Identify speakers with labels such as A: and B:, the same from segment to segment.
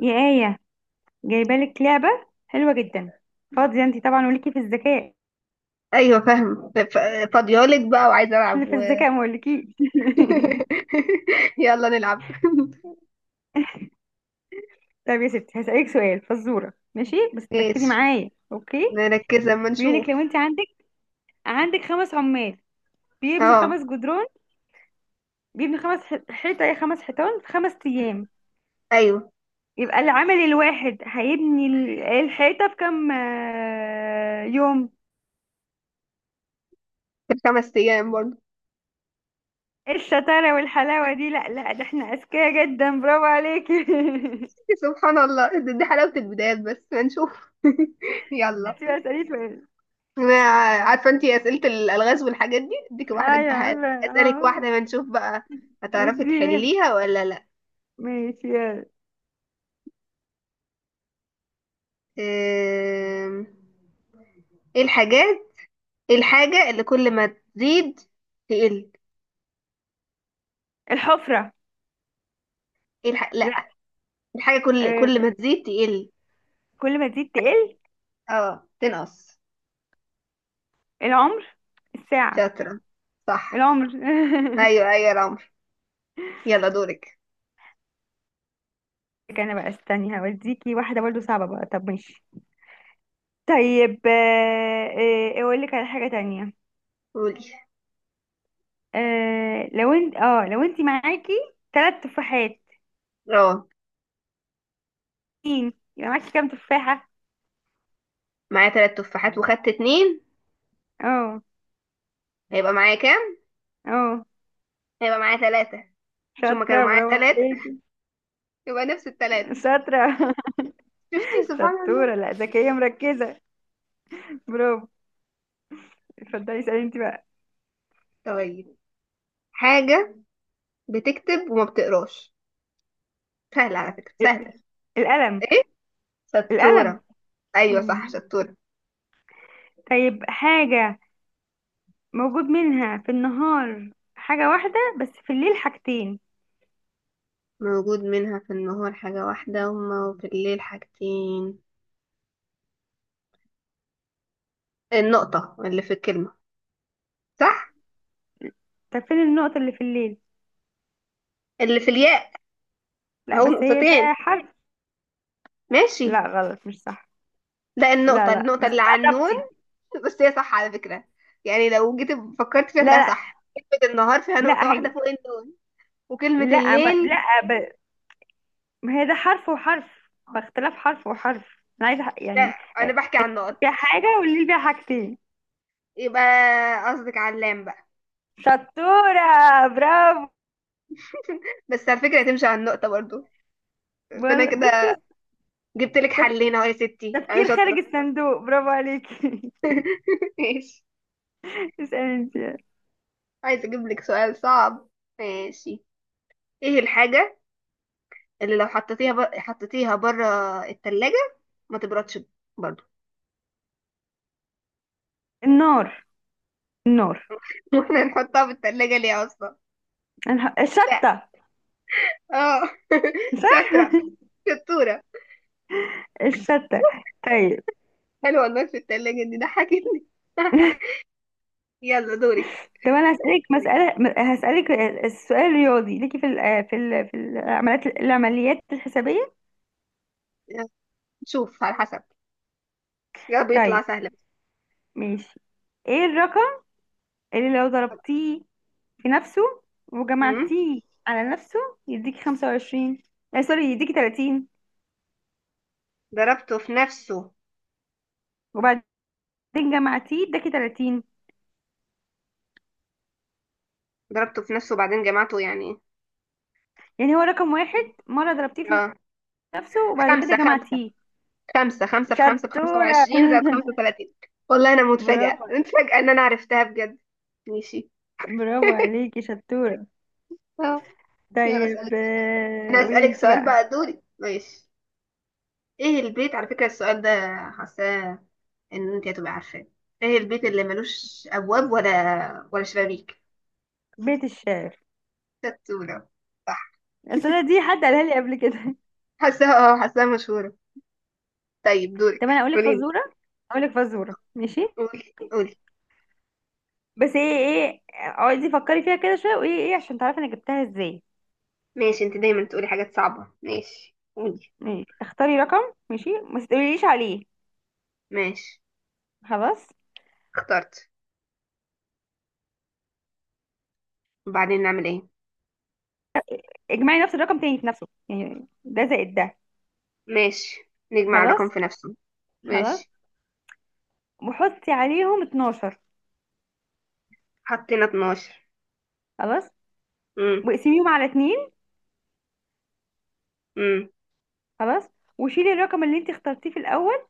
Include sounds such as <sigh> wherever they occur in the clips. A: يا آية، جايبالك لعبة حلوة جدا. فاضية انتي طبعا وليكي في الذكاء؟
B: ايوه فاهم فاضيالك بقى وعايزه العب
A: احنا في
B: <laughs>
A: الذكاء ما اقولكيش.
B: يلا نلعب.
A: <laughs> طب يا ستي هسألك سؤال فزورة ماشي، بس تركزي
B: ماشي،
A: معايا اوكي.
B: نركز لما نشوف.
A: بيقولك لو انتي عندك خمس عمال بيبنوا
B: اه،
A: خمس جدران، بيبنوا خمس حيطة، ايه، خمس حيطان في خمس أيام،
B: ايوه
A: يبقى العامل الواحد هيبني الحيطة في كام، يوم؟
B: في الخمس ايام برضه.
A: إيه الشطارة والحلاوة دي! لا لا، ده احنا أذكياء جدا، برافو عليكي.
B: <laughs> سبحان الله، دي حلاوه البدايات بس هنشوف. <laughs>
A: <laughs>
B: يلا.
A: انتي بقى اسألي سؤال.
B: انا عارفه انتي اسئله الالغاز والحاجات دي، اديك
A: ايوه
B: واحده
A: عارفة،
B: اسالك
A: اه.
B: واحده ما نشوف بقى، هتعرفي
A: الدي
B: تحليها ولا لا.
A: ماشي يلا.
B: أم، ايه الحاجات، ايه الحاجه اللي كل ما تزيد تقل؟
A: الحفرة. لا.
B: لا، الحاجة كل
A: آه.
B: ما تزيد تقل.
A: كل ما تزيد تقل.
B: اه تنقص.
A: العمر. الساعة.
B: شاطرة، صح.
A: العمر. <laughs>
B: ايوه ايوه، يا العمر. يلا دورك.
A: انا بقى استني، هوديكي واحدة برضو صعبة بقى، طب ماشي. طيب، اقول لك على حاجة تانية.
B: قولي.
A: لو انت، لو انت معاكي ثلاث تفاحات،
B: اه.
A: مين يبقى معاكي كام تفاحة؟
B: معايا تلات تفاحات وخدت اتنين،
A: اه.
B: هيبقى معايا كام؟
A: اه.
B: هيبقى معايا تلاتة. مش هما كانوا
A: شاطرة
B: معايا
A: برافو
B: تلاتة؟
A: عليكي.
B: <laughs> يبقى نفس التلاتة.
A: شاطرة.
B: شفتي
A: <laughs>
B: سبحان الله.
A: شطورة، لا ذكية مركزة. برافو. اتفضلي اسألي انت بقى.
B: طيب، حاجة بتكتب وما بتقراش، سهلة على فكرة سهلة.
A: القلم.
B: ايه؟
A: القلم.
B: شطورة. ايوه صح،
A: مم.
B: شطورة.
A: طيب حاجة موجود منها في النهار حاجة واحدة، بس في الليل حاجتين.
B: موجود منها في النهار حاجة واحدة وفي الليل حاجتين؟ النقطة اللي في الكلمة، صح؟
A: طب فين النقطة اللي في الليل؟
B: اللي في الياء.
A: لا،
B: اهو
A: بس هي ده
B: نقطتين.
A: حرف.
B: ماشي،
A: لا غلط، مش صح.
B: لا،
A: لا
B: النقطة
A: لا، بس
B: النقطة اللي
A: انت
B: على النون.
A: قربتي.
B: <laughs> بس هي صح على فكرة، يعني لو جيت فكرت فيها
A: لا
B: تلاقيها
A: لا
B: صح، كلمة النهار فيها نقطة
A: لا هي.
B: واحدة فوق النون، وكلمة
A: لا ما
B: الليل.
A: لا ما هي ده حرف وحرف، باختلاف حرف وحرف، انا عايزة
B: لا،
A: يعني،
B: أنا بحكي عن نقط.
A: فيها حاجة والليل فيها حاجتين.
B: يبقى قصدك على اللام بقى.
A: شطورة برافو.
B: بس على فكرة تمشي على النقطة برضو، فأنا
A: بصي.
B: كده جبت لك حلين أهو يا ستي، أنا
A: تفكير خارج
B: شاطرة.
A: الصندوق، برافو عليكي.
B: <laughs> ماشي.
A: <laughs> اسألي انت.
B: عايزة أجيب لك سؤال صعب. ماشي، إيه الحاجة اللي لو حطيتيها بره التلاجة ما تبردش برضو؟
A: النار. النار.
B: <laughs> واحنا نحطها في التلاجة ليه أصلا؟ لا.
A: الشتة.
B: اه. <laughs>
A: صح.
B: شاطرة، شطورة.
A: <laughs> الشتة. طيب.
B: حلوة الماء في التلاجة دي، ضحكتني. <laughs> يلا دورك.
A: طب انا هسألك مسألة، هسألك السؤال الرياضي، ليكي في ال في ال في العمليات، الحسابية.
B: شوف على حسب، يا رب يطلع
A: طيب
B: سهل.
A: ماشي. ايه الرقم اللي لو ضربتيه في نفسه
B: امم.
A: وجمعتيه على نفسه يديكي 25، آه سوري يديكي 30،
B: ضربته في نفسه.
A: وبعدين جمعتيه اداكي 30.
B: ضربته في نفسه وبعدين جمعته يعني.
A: يعني هو رقم
B: ايه.
A: واحد مرة ضربتيه في
B: اه.
A: نفسه، وبعد كده
B: خمسة.
A: جمع
B: خمسة
A: تي
B: خمسة خمسة في خمسة بخمسة
A: شطورة.
B: وعشرين زائد خمسة
A: <laughs>
B: وتلاتين. والله أنا متفاجئة
A: برافو.
B: متفاجئة إن أنا عرفتها بجد. ماشي.
A: برافو عليكي شطورة.
B: اه. يلا
A: طيب،
B: أسألك. أنا
A: قولي
B: أسألك
A: انت
B: سؤال
A: بقى.
B: بقى، دوري ماشي. إيه البيت، على فكرة السؤال ده حاساه ان انت هتبقي عارفاه، ايه البيت اللي ملوش ابواب ولا شبابيك؟
A: بيت الشعر.
B: ستونة. صح.
A: اصل أنا دي حد قالها لي قبل كده.
B: حاساها اه، حاساها مشهورة. طيب
A: <laughs> طب انا
B: دورك،
A: اقول لك
B: قوليلي.
A: فزورة، اقول لك فزورة ماشي.
B: قولي.
A: بس ايه ايه اقعدي فكري فيها كده شوية، وايه ايه عشان تعرفي انا جبتها ازاي.
B: ماشي، انت دايما تقولي حاجات صعبة، ماشي قولي.
A: ماشي. اختاري رقم ماشي، ما تقوليليش عليه.
B: ماشي،
A: خلاص.
B: اخترت. وبعدين نعمل ايه؟
A: اجمعي نفس الرقم تاني في نفسه، يعني ده زائد ده.
B: ماشي، نجمع الرقم
A: خلاص.
B: في نفسه.
A: خلاص.
B: ماشي.
A: وحطي عليهم 12.
B: حطينا 12.
A: خلاص.
B: امم.
A: واقسميهم على اتنين.
B: امم.
A: خلاص. وشيلي الرقم اللي انت اخترتيه في الاول.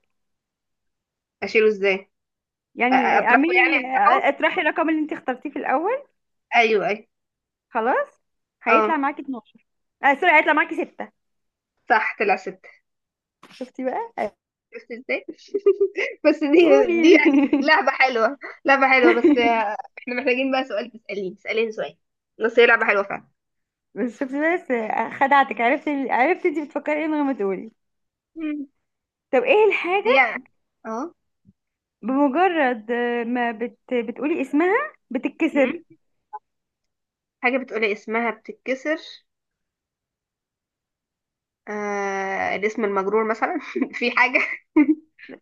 B: اشيله ازاي؟
A: يعني
B: اطرحه،
A: اعملي،
B: يعني اطرحه.
A: اطرحي الرقم اللي انت اخترتيه في الاول.
B: ايوه ايوه.
A: خلاص. هيطلع
B: اه
A: معاكي 12. اه سوري هيطلع معاكي 6.
B: صح، طلع ستة.
A: شفتي بقى؟
B: شفت ازاي؟ بس دي
A: تقولي.
B: دي يعني
A: <laughs>
B: لعبة حلوة. لعبة حلوة، بس احنا محتاجين بقى سؤال، تسأليني سؤال. بس هي لعبة حلوة فعلا.
A: بس شفتي، بس خدعتك، عرفت انت بتفكري ايه من غير ما تقولي.
B: مم.
A: طب ايه
B: هي.
A: الحاجة
B: اه.
A: بمجرد ما بتقولي اسمها بتتكسر؟
B: مم. حاجة بتقولي اسمها بتتكسر. الاسم المجرور مثلا، <laughs> في حاجة. <laughs>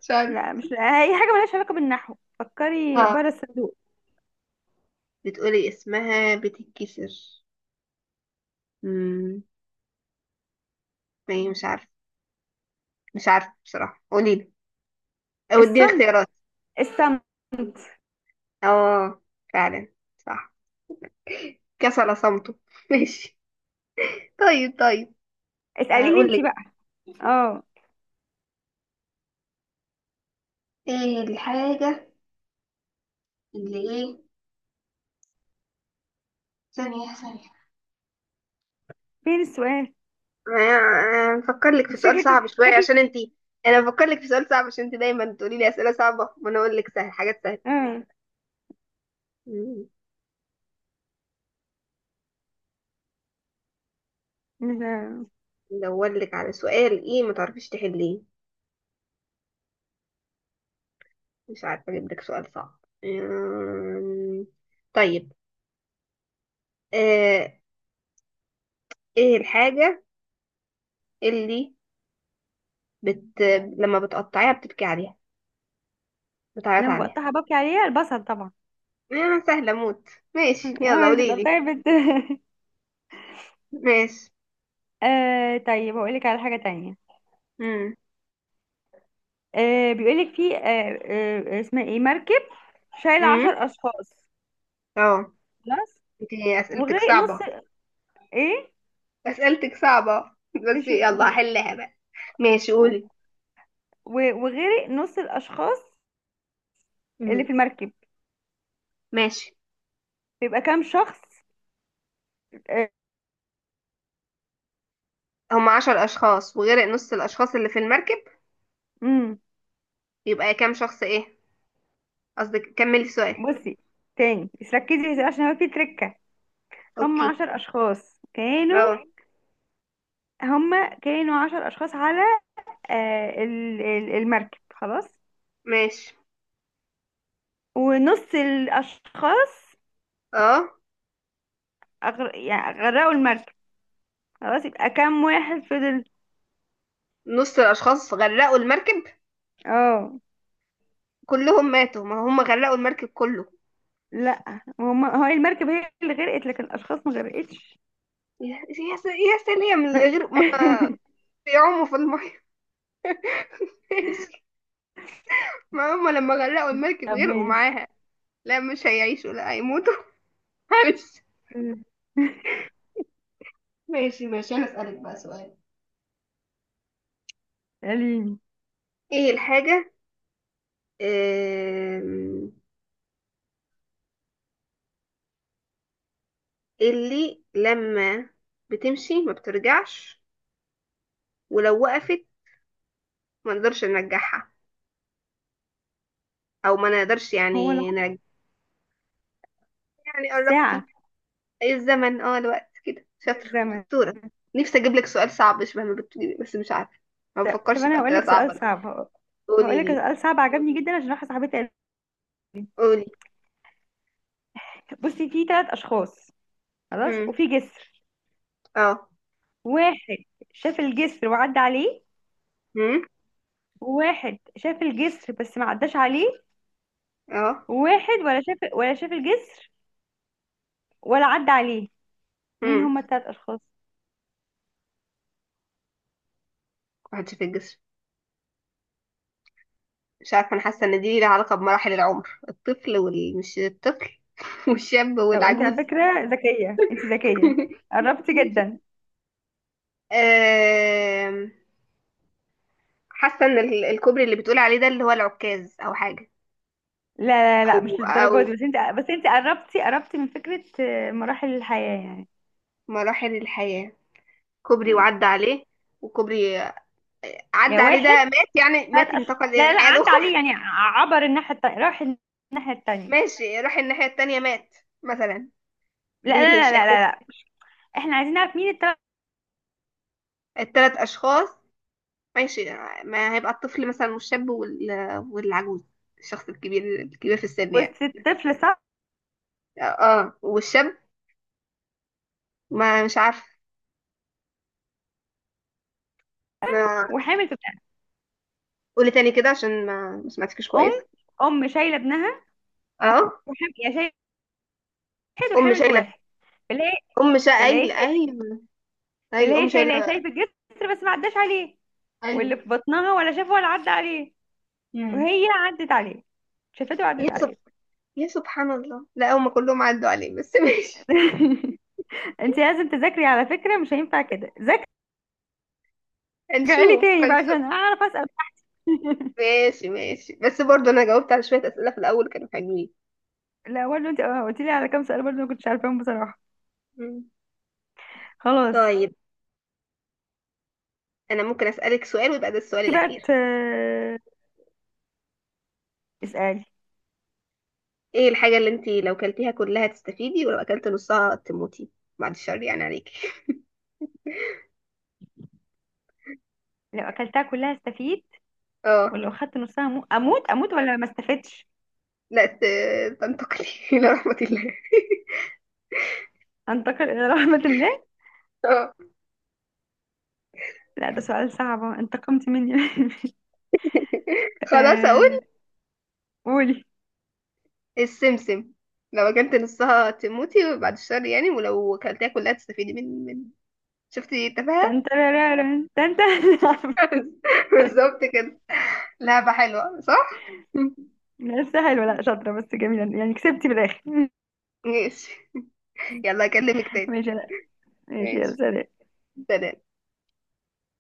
B: مش عارفة.
A: لا مش. لا. اي حاجة ملهاش علاقة بالنحو، فكري
B: اه،
A: بره الصندوق.
B: بتقولي اسمها بتتكسر. مم. ايه، مش عارفة، مش عارفة بصراحة، قولي لي او اديني
A: الصمت.
B: اختيارات.
A: الصمت.
B: اه، فعلا، صح. كسل صمته. <laughs> ماشي. طيب طيب.
A: اسأليني
B: قولي.
A: انت بقى. اه.
B: ايه الحاجة اللي ايه، ثانية ثانية،
A: فين السؤال؟
B: بفكر لك في
A: انت
B: سؤال
A: شكلك
B: صعب شوية
A: شكلك.
B: عشان انتي. انا بفكر لك في سؤال صعب عشان انتي دايما تقولي لي اسئلة صعبة وانا اقول لك سهل، حاجات سهلة.
A: اه.
B: مم.
A: ل-
B: ندور لك على سؤال ايه ما تعرفيش تحليه، مش عارفة اجيب لك سؤال صعب. مم. طيب. آه، ايه الحاجة اللي بت... لما بتقطعيها بتبكي عليها، بتعيط
A: لما
B: عليها؟
A: بقطعها ببكي عليها، البصل طبعا.
B: سهلة موت. ماشي، يلا
A: اه، انت
B: قولي لي.
A: بتقطعي بت. <laughs>
B: ماشي.
A: آه طيب هقول لك على حاجة تانية.
B: مم.
A: بيقول لك في، اسمها ايه، مركب شايل عشر
B: مم.
A: اشخاص.
B: اه
A: خلاص.
B: انت. اسئلتك
A: وغرق نص.
B: صعبة.
A: ايه؟
B: اسئلتك صعبة. <laughs> بس
A: ماشي.
B: يلا، هحلها بقى. ماشي قولي.
A: وغرق نص الاشخاص اللي
B: امم.
A: في المركب،
B: ماشي.
A: بيبقى كام شخص؟ آه.
B: هم عشر اشخاص وغير نص الاشخاص اللي في المركب،
A: امم.
B: يبقى كام شخص، ايه؟ قصدك كملي السؤال.
A: بصي تاني بس ركزي، عشان هو في تركة. هم
B: اوكي.
A: عشر اشخاص كانوا،
B: اه.
A: هما كانوا عشر أشخاص على، المركب، خلاص.
B: ماشي.
A: ونص الأشخاص
B: اه.
A: يعني غرقوا المركب، خلاص، يبقى كام واحد فضل؟
B: نص الاشخاص غرقوا المركب،
A: اه.
B: كلهم ماتوا، ما هم غرقوا المركب كله.
A: لا هما هو المركب هي اللي غرقت، لكن الأشخاص ما غرقتش.
B: يا سلام، من غير ما
A: <laughs>
B: بيعوموا في الميه. <laughs> ماشي. ما هم لما غرقوا المركب
A: طب
B: غرقوا
A: ماشي.
B: معاها، لا مش هيعيشوا، لا هيموتوا. <laughs> معلش. ماشي ماشي، انا اسالك بقى سؤال.
A: قاليني.
B: ايه الحاجة، آم، اللي لما بتمشي ما بترجعش، ولو وقفت ما نقدرش نرجعها، او ما نقدرش
A: هو
B: يعني
A: العمر.
B: نرجع؟ يعني
A: ساعة.
B: قربتي. اي الزمن، اه الوقت كده، شاطرة
A: الزمن.
B: شطورة. نفسي اجيب لك سؤال صعب شبه ما بتجيبي بس مش عارفة، ما
A: طب
B: بفكرش في
A: أنا
B: اسئلة
A: هقولك سؤال
B: صعبة.
A: صعب،
B: قولي
A: هقولك
B: لي،
A: سؤال صعب عجبني جدا، عشان راح صاحبتي قالت.
B: قولي.
A: بصي، في ثلاث أشخاص، خلاص،
B: هم
A: وفي جسر.
B: اه
A: واحد شاف الجسر وعدى عليه.
B: هم
A: وواحد شاف الجسر بس ما عداش عليه.
B: اه
A: وواحد ولا شاف، الجسر ولا عدى عليه. مين
B: هم
A: هما التلات اشخاص؟
B: محدش في الجسر. مش عارفة، أنا حاسة إن دي ليها علاقة بمراحل العمر، الطفل وال مش الطفل <laughs> والشاب
A: طب انت على
B: والعجوز. <laughs>
A: فكرة ذكية، انت ذكية، قربتي جدا.
B: آم، حاسة إن الكوبري اللي بتقول عليه ده اللي هو العكاز أو حاجة.
A: لا لا، لا مش
B: أو
A: للدرجة
B: أو
A: دي، بس انت قربتي، قربتي من فكرة، مراحل الحياة يعني.
B: مراحل الحياة. كوبري
A: مم.
B: وعدى عليه، وكوبري
A: يا
B: عدى عليه ده
A: واحد.
B: مات، يعني مات
A: ثلاث أش...
B: انتقل إلى
A: لا لا،
B: الحياة
A: عدى
B: الأخرى.
A: عليه يعني عبر الناحية التانية، راح الناحية
B: <laughs>
A: التانية.
B: ماشي، راح الناحية التانية مات مثلا، دي الشيخوخة.
A: لا. احنا عايزين نعرف مين التلات.
B: التلات أشخاص، ماشي، ما هيبقى الطفل مثلا والشاب والعجوز، الشخص الكبير في السن يعني.
A: بس الطفل صح.
B: اه، والشاب، ما مش عارفه. ما.
A: وحامل.
B: قولي تاني كده عشان ما سمعتكش
A: ام.
B: كويس.
A: ام شايله ابنها.
B: اه،
A: وحام... يا شايل واحد،
B: ام
A: وحامل في
B: شايله،
A: واحد. فاللي هي
B: ام شا
A: فاللي هي
B: اي
A: شايله
B: ايوه
A: فاللي
B: ايوه، ام
A: هي شايله
B: شايله،
A: شايف الجسر بس ما عداش عليه. واللي
B: ايوه،
A: في بطنها ولا شافه ولا عدى عليه.
B: امم.
A: وهي عدت عليه، شافته
B: يا
A: وعدت
B: سب...
A: عليه.
B: يا سبحان الله، لا هم كلهم عدوا عليه بس. <laughs> ماشي.
A: <laughs> انت لازم تذاكري على فكره، مش هينفع كده، ذاكري لي
B: هنشوف
A: تاني بقى
B: هنشوف.
A: عشان اعرف اسال. <laughs>
B: ماشي ماشي، بس برضه انا جاوبت على شويه اسئله في الاول كانوا حلوين.
A: لا برضه انت قلت لي على كام سؤال برضه ما كنتش عارفاهم بصراحه.
B: مم.
A: خلاص.
B: طيب، انا ممكن اسالك سؤال ويبقى ده السؤال
A: انت بقى
B: الاخير.
A: اسالي.
B: ايه الحاجة اللي انتي لو كلتيها كلها تستفيدي ولو اكلت نصها تموتي، بعد الشر يعني عليكي؟
A: لو اكلتها كلها استفيد،
B: اه،
A: ولو خدت نصها اموت، اموت ولا ما استفدتش؟
B: لا تنتقلي <laughs> الى رحمة الله. <laughs>
A: أنتقل إلى رحمة الماء.
B: اه.
A: لا ده سؤال صعب، انتقمت مني. <laughs>
B: خلاص اقول؟
A: آه، قولي.
B: السمسم، لو اكلت نصها تموتي بعد الشر يعني، ولو كلتيها كلها تستفيدي من. شفتي التفاهة.
A: تنترارارن تنت.
B: <laughs> بالظبط كده. لعبة حلوة صح؟ <laughs>
A: <laughs> لسه حلوة، لا شاطرة، بس جميلة يعني، كسبتي في الآخر. <laughs>
B: ماشي. يلا اكلمك تاني.
A: ماشي. لا ماشي، يا
B: ماشي،
A: سلام.
B: سلام.